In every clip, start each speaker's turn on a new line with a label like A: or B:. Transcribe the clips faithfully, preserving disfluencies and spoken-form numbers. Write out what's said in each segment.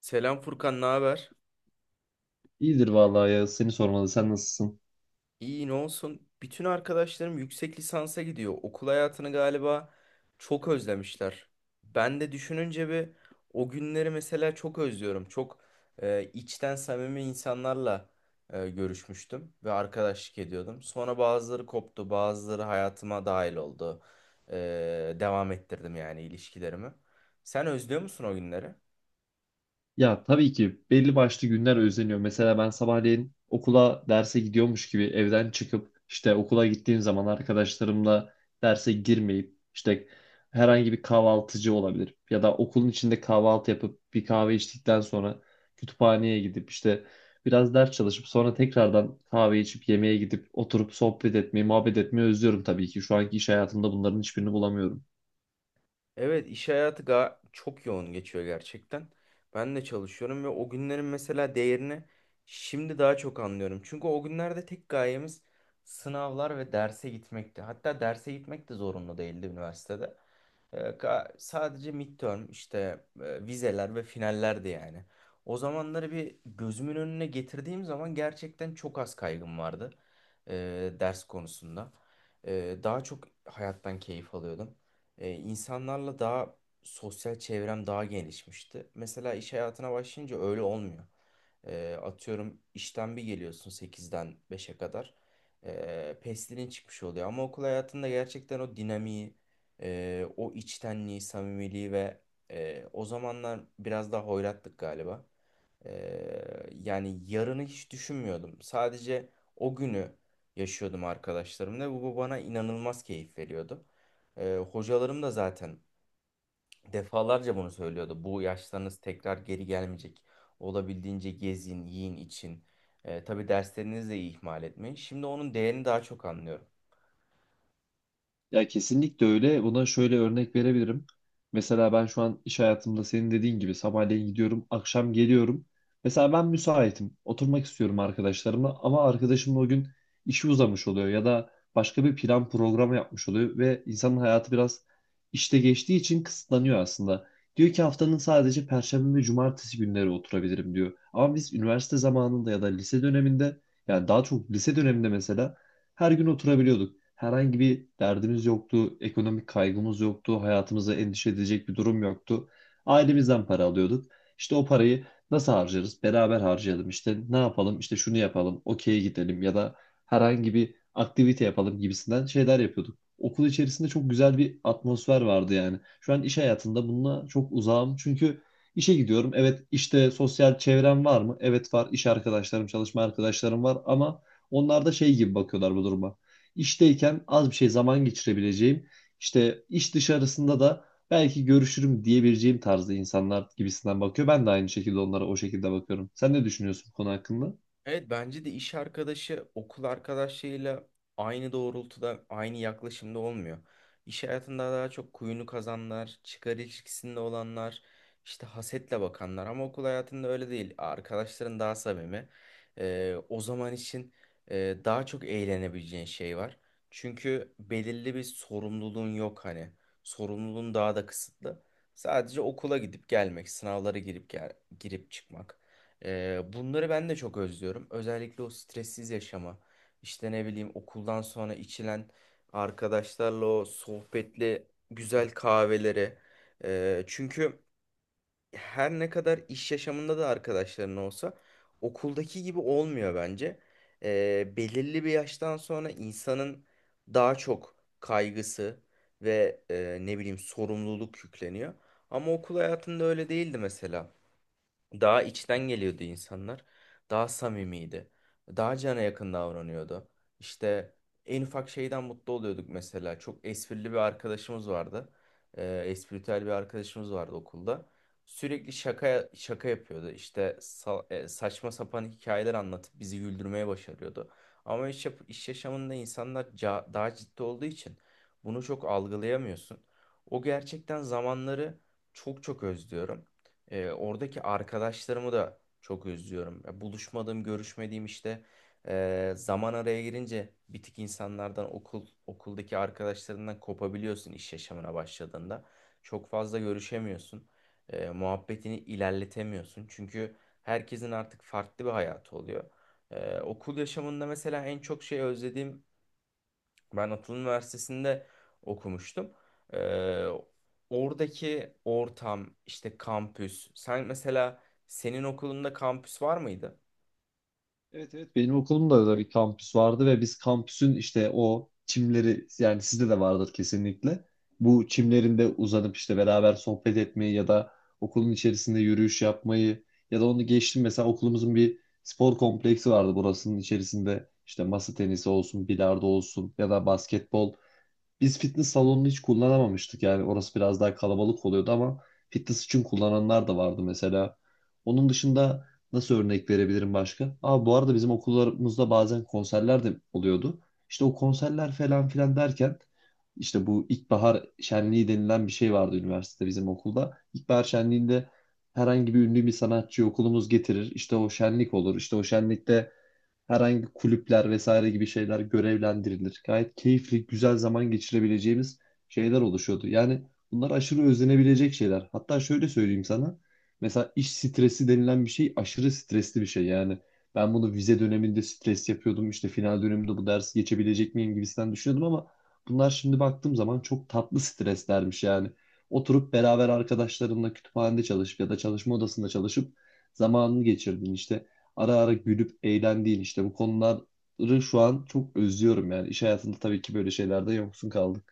A: Selam Furkan, ne haber?
B: İyidir vallahi ya, seni sormalı, sen nasılsın?
A: İyi, ne olsun? Bütün arkadaşlarım yüksek lisansa gidiyor. Okul hayatını galiba çok özlemişler. Ben de düşününce bir o günleri mesela çok özlüyorum. Çok e, içten samimi insanlarla e, görüşmüştüm ve arkadaşlık ediyordum. Sonra bazıları koptu, bazıları hayatıma dahil oldu. E, devam ettirdim yani ilişkilerimi. Sen özlüyor musun o günleri?
B: Ya tabii ki belli başlı günler özleniyor. Mesela ben sabahleyin okula derse gidiyormuş gibi evden çıkıp işte okula gittiğim zaman arkadaşlarımla derse girmeyip işte herhangi bir kahvaltıcı olabilir ya da okulun içinde kahvaltı yapıp bir kahve içtikten sonra kütüphaneye gidip işte biraz ders çalışıp sonra tekrardan kahve içip yemeğe gidip oturup sohbet etmeyi, muhabbet etmeyi özlüyorum tabii ki. Şu anki iş hayatımda bunların hiçbirini bulamıyorum.
A: Evet, iş hayatı ga- çok yoğun geçiyor gerçekten. Ben de çalışıyorum ve o günlerin mesela değerini şimdi daha çok anlıyorum. Çünkü o günlerde tek gayemiz sınavlar ve derse gitmekti. Hatta derse gitmek de zorunlu değildi üniversitede. Ee, ka- sadece midterm işte e, vizeler ve finallerdi yani. O zamanları bir gözümün önüne getirdiğim zaman gerçekten çok az kaygım vardı e, ders konusunda. E, daha çok hayattan keyif alıyordum. E, insanlarla daha sosyal çevrem daha genişmişti. Mesela iş hayatına başlayınca öyle olmuyor. E, atıyorum işten bir geliyorsun sekizden beşe kadar. E, pestilin çıkmış oluyor. Ama okul hayatında gerçekten o dinamiği, e, o içtenliği, samimiliği ve e, o zamanlar biraz daha hoyrattık galiba. Eee, yani yarını hiç düşünmüyordum. Sadece o günü yaşıyordum arkadaşlarımla ve bu bana inanılmaz keyif veriyordu. Eee, hocalarım da zaten defalarca bunu söylüyordu. Bu yaşlarınız tekrar geri gelmeyecek. Olabildiğince gezin, yiyin, için. Eee tabii derslerinizi de ihmal etmeyin. Şimdi onun değerini daha çok anlıyorum.
B: Ya kesinlikle öyle. Buna şöyle örnek verebilirim. Mesela ben şu an iş hayatımda senin dediğin gibi sabahleyin gidiyorum, akşam geliyorum. Mesela ben müsaitim. Oturmak istiyorum arkadaşlarımla ama arkadaşımla o gün işi uzamış oluyor ya da başka bir plan programı yapmış oluyor ve insanın hayatı biraz işte geçtiği için kısıtlanıyor aslında. Diyor ki haftanın sadece perşembe ve cumartesi günleri oturabilirim diyor. Ama biz üniversite zamanında ya da lise döneminde, yani daha çok lise döneminde mesela her gün oturabiliyorduk. Herhangi bir derdimiz yoktu, ekonomik kaygımız yoktu, hayatımıza endişe edecek bir durum yoktu. Ailemizden para alıyorduk. İşte o parayı nasıl harcarız? Beraber harcayalım. İşte ne yapalım? İşte şunu yapalım, okey'e gidelim ya da herhangi bir aktivite yapalım gibisinden şeyler yapıyorduk. Okul içerisinde çok güzel bir atmosfer vardı yani. Şu an iş hayatında bununla çok uzağım çünkü işe gidiyorum. Evet işte, sosyal çevrem var mı? Evet var. İş arkadaşlarım, çalışma arkadaşlarım var ama onlar da şey gibi bakıyorlar bu duruma. İşteyken az bir şey zaman geçirebileceğim, işte iş dışarısında da belki görüşürüm diyebileceğim tarzda insanlar gibisinden bakıyor. Ben de aynı şekilde onlara o şekilde bakıyorum. Sen ne düşünüyorsun bu konu hakkında?
A: Evet, bence de iş arkadaşı okul arkadaşıyla aynı doğrultuda, aynı yaklaşımda olmuyor. İş hayatında daha çok kuyunu kazanlar, çıkar ilişkisinde olanlar, işte hasetle bakanlar ama okul hayatında öyle değil. Arkadaşların daha samimi. Ee, o zaman için e, daha çok eğlenebileceğin şey var. Çünkü belirli bir sorumluluğun yok hani. Sorumluluğun daha da kısıtlı. Sadece okula gidip gelmek, sınavlara girip gel- girip çıkmak. Ee, bunları ben de çok özlüyorum. Özellikle o stressiz yaşama. İşte ne bileyim okuldan sonra içilen arkadaşlarla o sohbetli güzel kahveleri. Ee, çünkü her ne kadar iş yaşamında da arkadaşların olsa okuldaki gibi olmuyor bence. Ee, belirli bir yaştan sonra insanın daha çok kaygısı ve e, ne bileyim sorumluluk yükleniyor. Ama okul hayatında öyle değildi mesela. Daha içten geliyordu insanlar. Daha samimiydi. Daha cana yakın davranıyordu. İşte en ufak şeyden mutlu oluyorduk mesela. Çok esprili bir arkadaşımız vardı. Ee, espritüel bir arkadaşımız vardı okulda. Sürekli şaka şaka yapıyordu. İşte sa- e, saçma sapan hikayeler anlatıp bizi güldürmeye başarıyordu. Ama iş, yap- iş yaşamında insanlar ca- daha ciddi olduğu için bunu çok algılayamıyorsun. O gerçekten zamanları çok çok özlüyorum. E, oradaki arkadaşlarımı da çok özlüyorum. Ya, buluşmadığım, görüşmediğim işte e, zaman araya girince bir tık insanlardan okul okuldaki arkadaşlarından kopabiliyorsun iş yaşamına başladığında. Çok fazla görüşemiyorsun. E, muhabbetini ilerletemiyorsun. Çünkü herkesin artık farklı bir hayatı oluyor. E, okul yaşamında mesela en çok şey özlediğim ben Atıl Üniversitesi'nde okumuştum. Ee, Oradaki ortam, işte kampüs. Sen mesela senin okulunda kampüs var mıydı?
B: Evet evet, benim okulumda da bir kampüs vardı ve biz kampüsün işte o çimleri, yani sizde de vardır kesinlikle. Bu çimlerinde uzanıp işte beraber sohbet etmeyi ya da okulun içerisinde yürüyüş yapmayı ya da onu geçtim mesela okulumuzun bir spor kompleksi vardı, burasının içerisinde işte masa tenisi olsun, bilardo olsun ya da basketbol, biz fitness salonunu hiç kullanamamıştık yani, orası biraz daha kalabalık oluyordu ama fitness için kullananlar da vardı mesela. Onun dışında nasıl örnek verebilirim başka? Aa, bu arada bizim okullarımızda bazen konserler de oluyordu. İşte o konserler falan filan derken işte bu ilkbahar şenliği denilen bir şey vardı üniversitede, bizim okulda. İlkbahar şenliğinde herhangi bir ünlü bir sanatçı okulumuz getirir. İşte o şenlik olur. İşte o şenlikte herhangi kulüpler vesaire gibi şeyler görevlendirilir. Gayet keyifli, güzel zaman geçirebileceğimiz şeyler oluşuyordu. Yani bunlar aşırı özlenebilecek şeyler. Hatta şöyle söyleyeyim sana. Mesela iş stresi denilen bir şey aşırı stresli bir şey. Yani ben bunu vize döneminde stres yapıyordum. İşte final döneminde bu dersi geçebilecek miyim gibisinden düşünüyordum ama bunlar şimdi baktığım zaman çok tatlı streslermiş yani. Oturup beraber arkadaşlarımla kütüphanede çalışıp ya da çalışma odasında çalışıp zamanını geçirdin, işte ara ara gülüp eğlendiğin işte bu konuları şu an çok özlüyorum yani. İş hayatında tabii ki böyle şeylerde yoksun kaldım.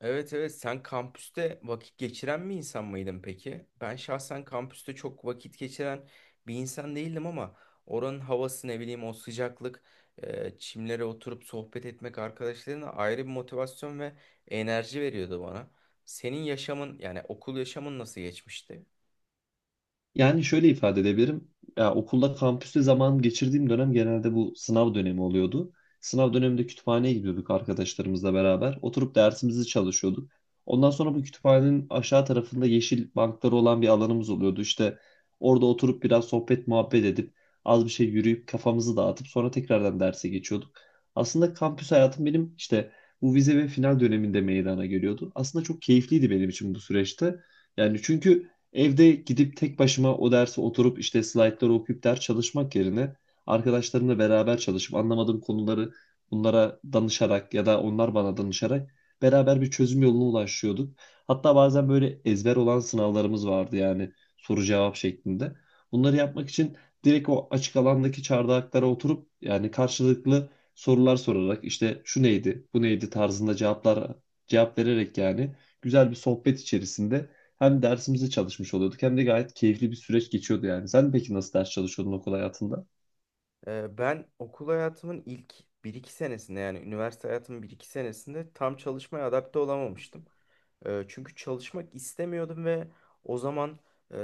A: Evet evet, sen kampüste vakit geçiren bir insan mıydın peki? Ben şahsen kampüste çok vakit geçiren bir insan değildim ama oranın havası ne bileyim o sıcaklık, e, çimlere oturup sohbet etmek arkadaşlarına ayrı bir motivasyon ve enerji veriyordu bana. Senin yaşamın yani okul yaşamın nasıl geçmişti?
B: Yani şöyle ifade edebilirim. Ya okulda, kampüste zaman geçirdiğim dönem genelde bu sınav dönemi oluyordu. Sınav döneminde kütüphaneye gidiyorduk arkadaşlarımızla beraber. Oturup dersimizi çalışıyorduk. Ondan sonra bu kütüphanenin aşağı tarafında yeşil bankları olan bir alanımız oluyordu. İşte orada oturup biraz sohbet muhabbet edip az bir şey yürüyüp kafamızı dağıtıp sonra tekrardan derse geçiyorduk. Aslında kampüs hayatım benim işte bu vize ve final döneminde meydana geliyordu. Aslında çok keyifliydi benim için bu süreçte. Yani çünkü evde gidip tek başıma o dersi oturup işte slaytları okuyup ders çalışmak yerine arkadaşlarımla beraber çalışıp anlamadığım konuları bunlara danışarak ya da onlar bana danışarak beraber bir çözüm yoluna ulaşıyorduk. Hatta bazen böyle ezber olan sınavlarımız vardı, yani soru cevap şeklinde. Bunları yapmak için direkt o açık alandaki çardaklara oturup yani karşılıklı sorular sorarak işte şu neydi, bu neydi tarzında cevaplar, cevap vererek yani güzel bir sohbet içerisinde hem dersimizi çalışmış oluyorduk hem de gayet keyifli bir süreç geçiyordu yani. Sen peki nasıl ders çalışıyordun okul hayatında?
A: Ee, Ben okul hayatımın ilk bir iki senesinde yani üniversite hayatımın bir iki senesinde tam çalışmaya adapte olamamıştım. Ee, Çünkü çalışmak istemiyordum ve o zaman e,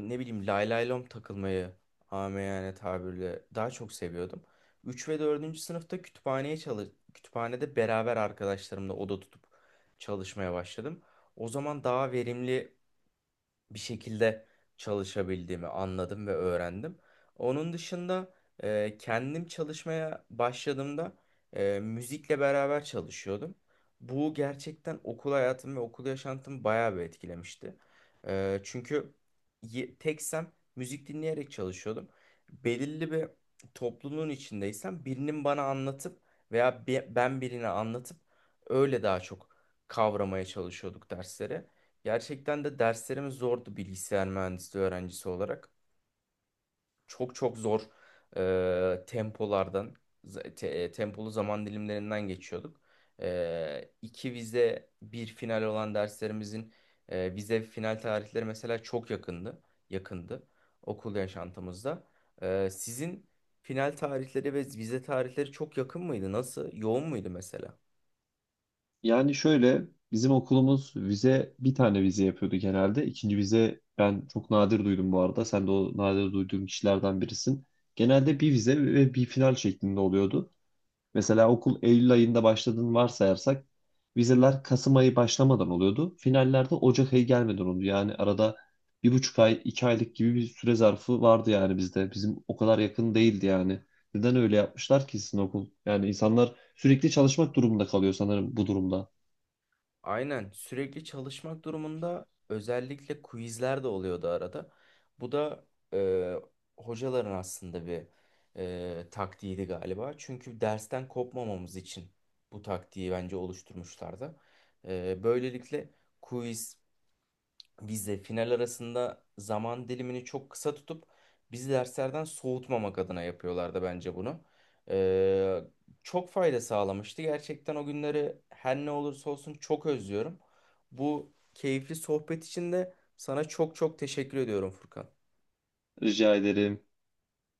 A: ne bileyim lay lay lom takılmayı amiyane tabirle daha çok seviyordum. Üç ve dördüncü sınıfta kütüphaneye çalış kütüphanede beraber arkadaşlarımla oda tutup çalışmaya başladım. O zaman daha verimli bir şekilde çalışabildiğimi anladım ve öğrendim. Onun dışında e, kendim çalışmaya başladığımda e, müzikle beraber çalışıyordum. Bu gerçekten okul hayatım ve okul yaşantımı bayağı bir etkilemişti. E, çünkü ye- teksem müzik dinleyerek çalışıyordum. Belirli bir topluluğun içindeysem birinin bana anlatıp veya bi- ben birine anlatıp öyle daha çok kavramaya çalışıyorduk dersleri. Gerçekten de derslerimiz zordu bilgisayar mühendisliği öğrencisi olarak. Çok çok zor e, tempolardan, z- te- e, tempolu zaman dilimlerinden geçiyorduk. E, iki vize, bir final olan derslerimizin e, vize final tarihleri mesela çok yakındı, yakındı okul yaşantımızda. E, sizin final tarihleri ve vize tarihleri çok yakın mıydı? Nasıl? Yoğun muydu mesela?
B: Yani şöyle, bizim okulumuz vize bir tane vize yapıyordu genelde. İkinci vize ben çok nadir duydum bu arada. Sen de o nadir duyduğum kişilerden birisin. Genelde bir vize ve bir final şeklinde oluyordu. Mesela okul Eylül ayında başladığını varsayarsak vizeler Kasım ayı başlamadan oluyordu. Finallerde Ocak ayı gelmeden oldu. Yani arada bir buçuk ay, iki aylık gibi bir süre zarfı vardı yani bizde. Bizim o kadar yakın değildi yani. Neden öyle yapmışlar ki sizin okul? Yani insanlar sürekli çalışmak durumunda kalıyor sanırım bu durumda.
A: Aynen, sürekli çalışmak durumunda özellikle quizler de oluyordu arada. Bu da e, hocaların aslında bir e, taktiğiydi galiba. Çünkü dersten kopmamamız için bu taktiği bence oluşturmuşlardı. E, böylelikle quiz biz de final arasında zaman dilimini çok kısa tutup bizi derslerden soğutmamak adına yapıyorlardı bence bunu. Ee, Çok fayda sağlamıştı. Gerçekten o günleri her ne olursa olsun çok özlüyorum. Bu keyifli sohbet için de sana çok çok teşekkür ediyorum Furkan.
B: Rica ederim.